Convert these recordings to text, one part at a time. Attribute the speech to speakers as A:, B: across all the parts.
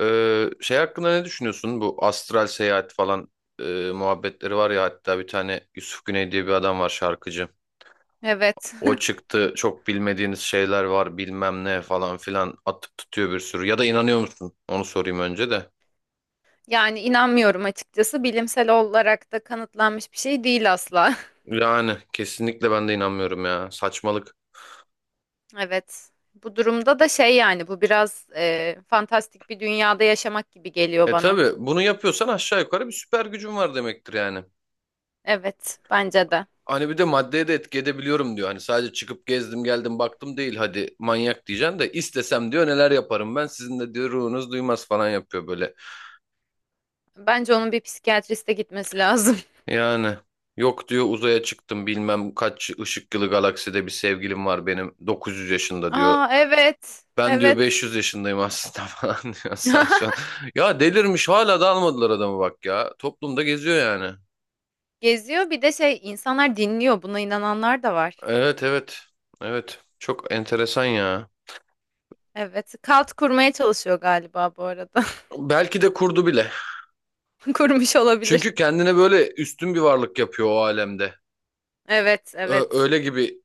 A: Şey hakkında ne düşünüyorsun? Bu astral seyahat falan e, muhabbetleri var ya, hatta bir tane Yusuf Güney diye bir adam var, şarkıcı.
B: Evet.
A: O çıktı, çok bilmediğiniz şeyler var bilmem ne falan filan, atıp tutuyor bir sürü. Ya da inanıyor musun? Onu sorayım önce de.
B: Yani inanmıyorum açıkçası. Bilimsel olarak da kanıtlanmış bir şey değil asla.
A: Yani kesinlikle ben de inanmıyorum ya, saçmalık.
B: Evet. Bu durumda da şey yani bu biraz fantastik bir dünyada yaşamak gibi geliyor
A: E
B: bana.
A: tabi bunu yapıyorsan aşağı yukarı bir süper gücün var demektir yani.
B: Evet, bence de.
A: Hani bir de maddeye de etki edebiliyorum diyor. Hani sadece çıkıp gezdim geldim baktım değil, hadi manyak diyeceksin de, istesem diyor neler yaparım ben, sizin de diyor ruhunuz duymaz falan yapıyor böyle.
B: Bence onun bir psikiyatriste gitmesi lazım.
A: Yani yok diyor, uzaya çıktım bilmem kaç ışık yılı galakside bir sevgilim var benim, 900 yaşında diyor.
B: Aa evet.
A: Ben diyor
B: Evet.
A: 500 yaşındayım aslında falan diyor, sen saçma. Ya delirmiş, hala da almadılar adamı bak ya. Toplumda geziyor yani.
B: Geziyor bir de şey insanlar dinliyor. Buna inananlar da var.
A: Evet, evet, evet, çok enteresan ya.
B: Evet. Kalt kurmaya çalışıyor galiba bu arada.
A: Belki de kurdu bile.
B: Kurmuş olabilir.
A: Çünkü kendine böyle üstün bir varlık yapıyor o alemde.
B: Evet,
A: Ö-
B: evet.
A: Öyle gibi,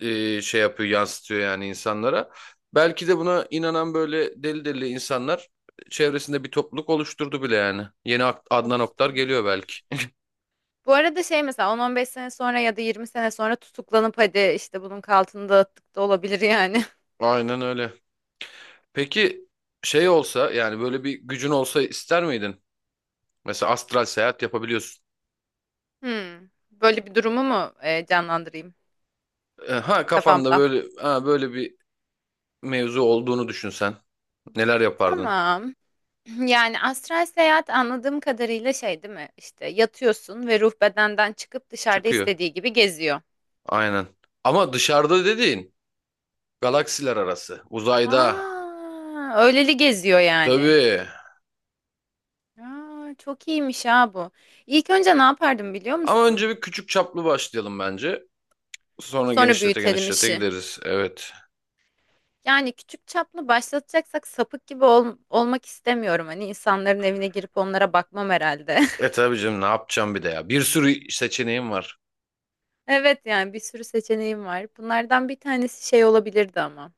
A: şey yapıyor, yansıtıyor yani insanlara. Belki de buna inanan böyle deli deli insanlar çevresinde bir topluluk oluşturdu bile yani. Adnan Oktar geliyor belki.
B: Oluşturmuştur. Bu arada şey mesela 10-15 sene sonra ya da 20 sene sonra tutuklanıp hadi işte bunun altını dağıttık da olabilir yani.
A: Aynen öyle. Peki, şey olsa yani, böyle bir gücün olsa ister miydin? Mesela astral seyahat yapabiliyorsun.
B: Hmm. Böyle bir durumu mu canlandırayım
A: Ha kafanda,
B: kafamda?
A: böyle ha, böyle bir mevzu olduğunu düşünsen neler yapardın?
B: Tamam. Yani astral seyahat anladığım kadarıyla şey değil mi? İşte yatıyorsun ve ruh bedenden çıkıp dışarıda
A: Çıkıyor.
B: istediği gibi geziyor.
A: Aynen. Ama dışarıda dediğin galaksiler arası. Uzayda.
B: Aa, öyleli geziyor yani.
A: Tabii.
B: Aa, çok iyiymiş ha bu. İlk önce ne yapardım biliyor
A: Ama
B: musun?
A: önce bir küçük çaplı başlayalım bence. Sonra
B: Sonra
A: genişlete
B: büyütelim
A: genişlete
B: işi.
A: gideriz. Evet.
B: Yani küçük çaplı başlatacaksak sapık gibi olmak istemiyorum. Hani insanların evine girip onlara bakmam herhalde.
A: E tabii canım, ne yapacağım bir de ya. Bir sürü seçeneğim var.
B: Evet yani bir sürü seçeneğim var. Bunlardan bir tanesi şey olabilirdi ama.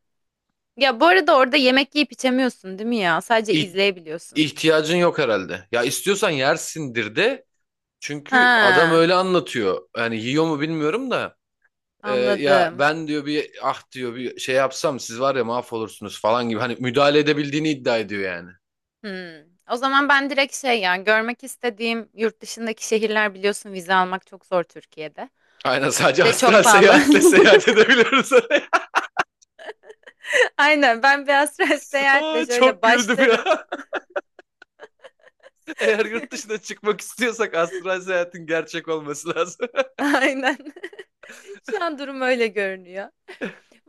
B: Ya bu arada orada yemek yiyip içemiyorsun değil mi ya? Sadece
A: İh-
B: izleyebiliyorsun.
A: ihtiyacın yok herhalde. Ya istiyorsan yersindir de. Çünkü adam
B: Ha,
A: öyle anlatıyor. Yani yiyor mu bilmiyorum da. Ya
B: anladım.
A: ben diyor bir ah diyor, bir şey yapsam siz var ya mahvolursunuz falan gibi. Hani müdahale edebildiğini iddia ediyor yani.
B: Hmm. O zaman ben direkt şey yani görmek istediğim yurt dışındaki şehirler biliyorsun vize almak çok zor Türkiye'de.
A: Aynen, sadece
B: Bir de çok
A: astral
B: pahalı.
A: seyahatle seyahat edebiliyoruz.
B: Aynen ben bir astral seyahatle
A: Aa,
B: şöyle
A: çok güldüm
B: başlarım.
A: ya. Eğer yurt dışına çıkmak istiyorsak astral seyahatin gerçek olması lazım.
B: Aynen. Şu an durum öyle görünüyor.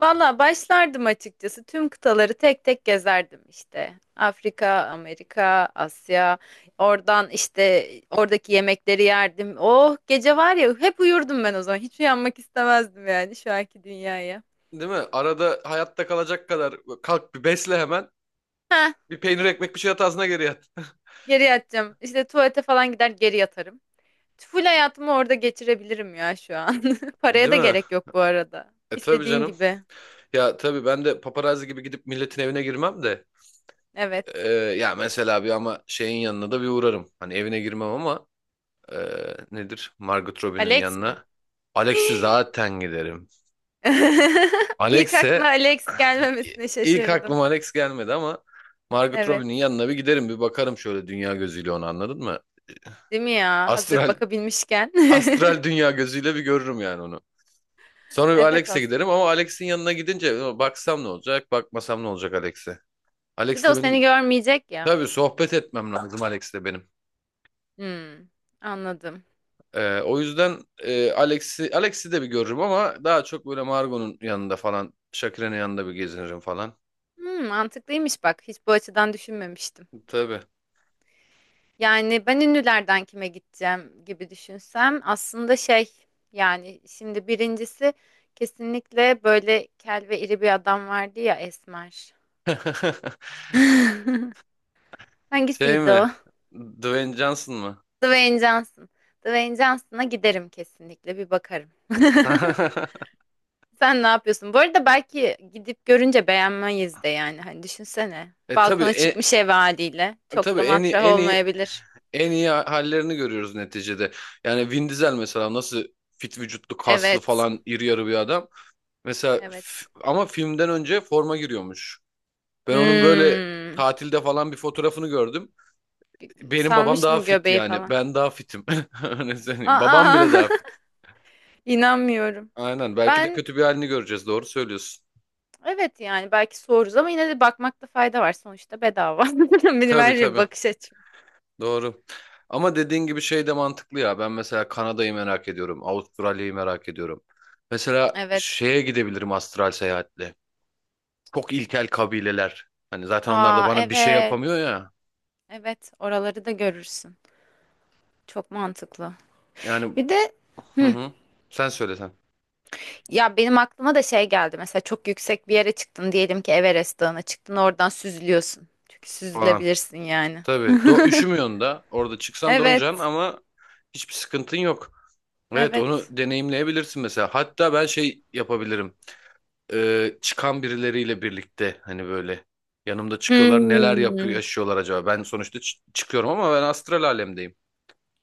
B: Valla başlardım açıkçası. Tüm kıtaları tek tek gezerdim işte. Afrika, Amerika, Asya. Oradan işte oradaki yemekleri yerdim. Oh gece var ya hep uyurdum ben o zaman. Hiç uyanmak istemezdim yani şu anki dünyaya.
A: Değil mi? Arada hayatta kalacak kadar kalk bir besle hemen.
B: Heh
A: Bir peynir ekmek bir şey at ağzına, geri yat.
B: geri yatacağım. İşte tuvalete falan gider geri yatarım. Full hayatımı orada geçirebilirim ya şu an. Paraya
A: Değil
B: da
A: mi?
B: gerek yok bu arada.
A: E tabii
B: İstediğin
A: canım.
B: gibi.
A: Ya tabii ben de paparazzi gibi gidip milletin evine girmem de.
B: Evet.
A: Ya mesela bir, ama şeyin yanına da bir uğrarım. Hani evine girmem ama, e, nedir, Margot Robbie'nin
B: Alex mi?
A: yanına. Alex'i zaten giderim.
B: İlk aklına
A: Alex'e
B: Alex gelmemesine
A: ilk
B: şaşırdım.
A: aklıma Alex gelmedi ama Margot Robbie'nin
B: Evet.
A: yanına bir giderim, bir bakarım şöyle dünya gözüyle onu, anladın mı?
B: Değil mi ya? Hazır
A: Astral
B: bakabilmişken.
A: astral dünya gözüyle bir görürüm yani onu. Sonra bir
B: Evet
A: Alex'e giderim, ama
B: aslında.
A: Alex'in yanına gidince baksam ne olacak, bakmasam ne olacak Alex'e?
B: Bir
A: Alex'le
B: de o seni
A: benim,
B: görmeyecek ya.
A: tabii, sohbet etmem lazım Alex'le benim.
B: Hmm, anladım.
A: O yüzden, Alex'i de bir görürüm ama daha çok böyle Margot'un yanında falan, Shakira'nın yanında bir gezinirim falan.
B: Hmm, mantıklıymış bak. Hiç bu açıdan düşünmemiştim.
A: Tabii.
B: Yani ben ünlülerden kime gideceğim gibi düşünsem aslında şey yani şimdi birincisi kesinlikle böyle kel ve iri bir adam vardı ya Esmer.
A: Şey
B: Hangisiydi o?
A: mi? Dwayne Johnson mı?
B: Dwayne Johnson. Dwayne Johnson'a giderim kesinlikle bir bakarım. Sen ne yapıyorsun? Bu arada belki gidip görünce beğenmeyiz de yani. Hani düşünsene.
A: E tabii,
B: Balkona çıkmış ev haliyle. Çok
A: tabii
B: da
A: en iyi
B: matrah
A: en iyi
B: olmayabilir.
A: en iyi hallerini görüyoruz neticede. Yani Vin Diesel mesela nasıl fit vücutlu, kaslı
B: Evet.
A: falan, iri yarı bir adam.
B: Evet.
A: Ama filmden önce forma giriyormuş. Ben onun böyle
B: Hmm.
A: tatilde falan bir fotoğrafını gördüm. Benim babam
B: Salmış
A: daha
B: mı
A: fit
B: göbeği
A: yani.
B: falan?
A: Ben daha fitim. Öyle söyleyeyim. Babam
B: Aa,
A: bile daha fit.
B: inanmıyorum.
A: Aynen. Belki de
B: Ben
A: kötü bir halini göreceğiz. Doğru söylüyorsun.
B: evet yani belki soruruz ama yine de bakmakta fayda var. Sonuçta bedava. Benim
A: Tabii,
B: her şey
A: tabii.
B: bakış açım.
A: Doğru. Ama dediğin gibi şey de mantıklı ya. Ben mesela Kanada'yı merak ediyorum. Avustralya'yı merak ediyorum. Mesela
B: Evet.
A: şeye gidebilirim astral seyahatle. Çok ilkel kabileler. Hani zaten onlar da
B: Aa
A: bana bir şey
B: evet.
A: yapamıyor ya.
B: Evet, oraları da görürsün. Çok mantıklı.
A: Yani,
B: Bir de
A: hı
B: hı,
A: hı. Sen söylesen
B: ya benim aklıma da şey geldi. Mesela çok yüksek bir yere çıktın diyelim ki Everest Dağı'na çıktın oradan süzülüyorsun. Çünkü
A: falan.
B: süzülebilirsin yani.
A: Tabii. Üşümüyorsun da. Orada çıksan donacaksın
B: Evet.
A: ama hiçbir sıkıntın yok. Evet,
B: Evet.
A: onu deneyimleyebilirsin mesela. Hatta ben şey yapabilirim. Çıkan birileriyle birlikte hani böyle yanımda çıkıyorlar. Neler yapıyor,
B: Hmm,
A: yaşıyorlar acaba? Ben sonuçta çıkıyorum ama ben astral alemdeyim.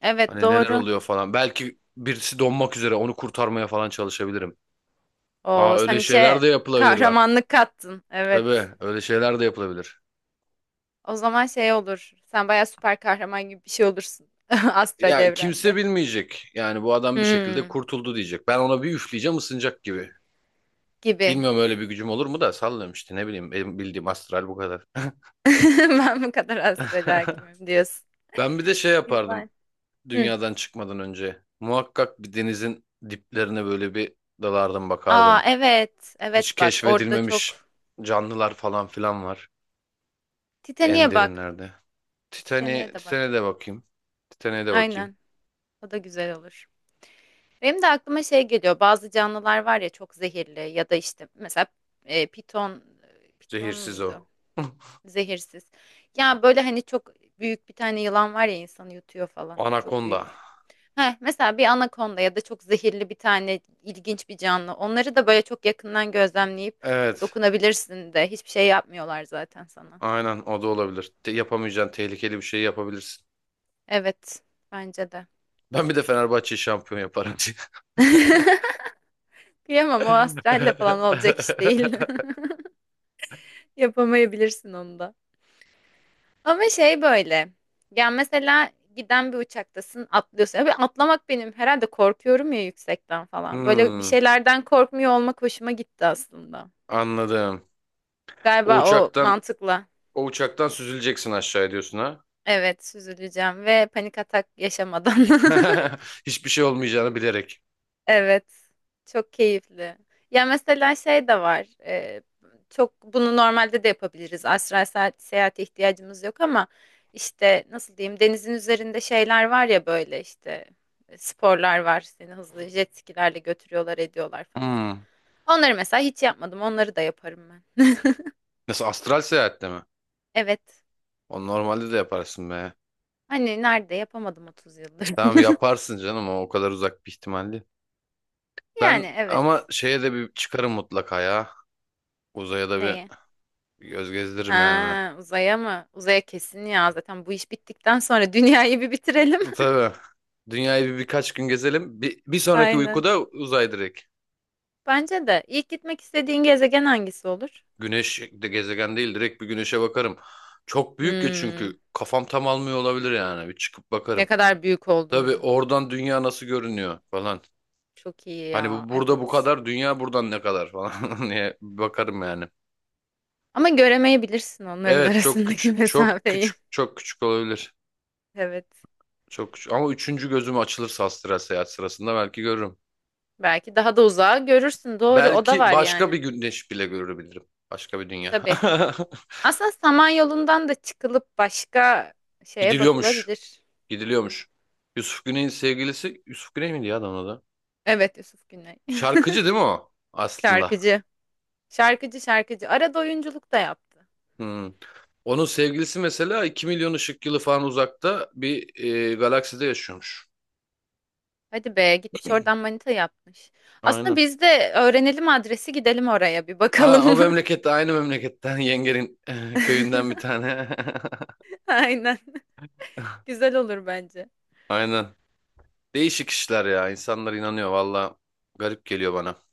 B: evet
A: Hani neler
B: doğru.
A: oluyor falan. Belki birisi donmak üzere, onu kurtarmaya falan çalışabilirim. Aa,
B: O sen
A: öyle şeyler
B: işe
A: de yapılabilir bak.
B: kahramanlık kattın.
A: Tabii,
B: Evet.
A: öyle şeyler de yapılabilir.
B: O zaman şey olur. Sen bayağı süper kahraman gibi bir şey olursun. Astral
A: Ya kimse
B: evrende.
A: bilmeyecek. Yani bu adam bir şekilde
B: Hmm,
A: kurtuldu diyecek. Ben ona bir üfleyeceğim, ısınacak gibi.
B: gibi.
A: Bilmiyorum öyle bir gücüm olur mu da, sallıyorum işte, ne bileyim, benim bildiğim astral bu kadar.
B: Ben bu kadar astral hakimim diyorsun.
A: Ben bir de şey
B: Güzel.
A: yapardım.
B: Hı.
A: Dünyadan çıkmadan önce muhakkak bir denizin diplerine böyle bir dalardım,
B: Aa
A: bakardım.
B: evet.
A: Hiç
B: Evet bak orada
A: keşfedilmemiş
B: çok.
A: canlılar falan filan var
B: Titanic'e
A: en
B: bak.
A: derinlerde.
B: Titanic'e de
A: Titanic'e
B: bak.
A: de bakayım. Titanic'e de bakayım.
B: Aynen. O da güzel olur. Benim de aklıma şey geliyor. Bazı canlılar var ya çok zehirli ya da işte mesela e, piton piton
A: Zehirsiz
B: muydu?
A: o.
B: Zehirsiz. Ya böyle hani çok büyük bir tane yılan var ya insanı yutuyor falan. Çok
A: Anakonda.
B: büyük. Heh, mesela bir anakonda ya da çok zehirli bir tane ilginç bir canlı. Onları da böyle çok yakından gözlemleyip
A: Evet,
B: dokunabilirsin de hiçbir şey yapmıyorlar zaten sana.
A: aynen, o da olabilir. Yapamayacağın tehlikeli bir şey yapabilirsin.
B: Evet, bence de.
A: Ben bir de Fenerbahçe'yi şampiyon yaparım.
B: Kıyamam o astralle falan olacak iş değil. Yapamayabilirsin onu da. Ama şey böyle. Ya mesela giden bir uçaktasın atlıyorsun. Abi atlamak benim herhalde korkuyorum ya yüksekten falan. Böyle bir
A: Hmm,
B: şeylerden korkmuyor olmak hoşuma gitti aslında.
A: anladım. O
B: Galiba o
A: uçaktan
B: mantıkla.
A: o uçaktan süzüleceksin aşağı diyorsun ha.
B: Evet süzüleceğim ve panik atak yaşamadan.
A: Hiçbir şey olmayacağını bilerek.
B: Evet. Çok keyifli. Ya mesela şey de var. Çok bunu normalde de yapabiliriz. Astral seyahate ihtiyacımız yok ama işte nasıl diyeyim denizin üzerinde şeyler var ya böyle işte sporlar var. Seni hızlı jet skilerle götürüyorlar ediyorlar falan.
A: Hmm.
B: Onları mesela hiç yapmadım. Onları da yaparım ben.
A: Nasıl, astral seyahatle mi?
B: Evet.
A: O normalde de yaparsın be.
B: Hani nerede yapamadım 30 yıldır.
A: Tamam yaparsın canım, o kadar uzak bir ihtimal değil. Ben
B: Yani
A: ama
B: evet.
A: şeye de bir çıkarım mutlaka ya. Uzaya da bir
B: Neyi?
A: göz gezdiririm yani.
B: Ha, uzaya mı? Uzaya kesin ya. Zaten bu iş bittikten sonra dünyayı bir bitirelim.
A: Tabii. Dünyayı bir birkaç gün gezelim. Bir sonraki
B: Aynen.
A: uykuda uzay direkt.
B: Bence de. İlk gitmek istediğin gezegen hangisi olur?
A: Güneş de gezegen değil, direkt bir güneşe bakarım. Çok büyük ya,
B: Hmm,
A: çünkü kafam tam almıyor olabilir yani. Bir çıkıp
B: ne
A: bakarım.
B: kadar büyük
A: Tabii,
B: olduğunu.
A: oradan dünya nasıl görünüyor falan.
B: Çok iyi
A: Hani
B: ya.
A: bu burada bu
B: Evet.
A: kadar, dünya buradan ne kadar falan diye bakarım yani.
B: Ama göremeyebilirsin onların
A: Evet,
B: arasındaki mesafeyi.
A: çok küçük olabilir.
B: Evet.
A: Çok küçük. Ama üçüncü gözüm açılırsa astral seyahat sırasında belki görürüm.
B: Belki daha da uzağa görürsün. Doğru, o da
A: Belki
B: var
A: başka bir
B: yani.
A: güneş bile görebilirim. Başka bir dünya.
B: Tabii. Aslında Samanyolu'ndan da çıkılıp başka şeye
A: Gidiliyormuş.
B: bakılabilir.
A: Gidiliyormuş. Yusuf Güney'in sevgilisi, Yusuf Güney miydi ya adamın adı?
B: Evet, Yusuf Güney.
A: Şarkıcı değil mi o aslında?
B: Şarkıcı. Şarkıcı şarkıcı. Arada oyunculuk da yaptı.
A: Hmm. Onun sevgilisi mesela 2 milyon ışık yılı falan uzakta bir galakside yaşıyormuş.
B: Hadi be gitmiş oradan manita yapmış. Aslında
A: Aynen.
B: biz de öğrenelim adresi gidelim oraya bir
A: Aa, o
B: bakalım.
A: memlekette, aynı memleketten yengenin, eh, köyünden bir tane.
B: Aynen. Güzel olur bence.
A: Aynen. Değişik işler ya. İnsanlar inanıyor valla. Garip geliyor bana.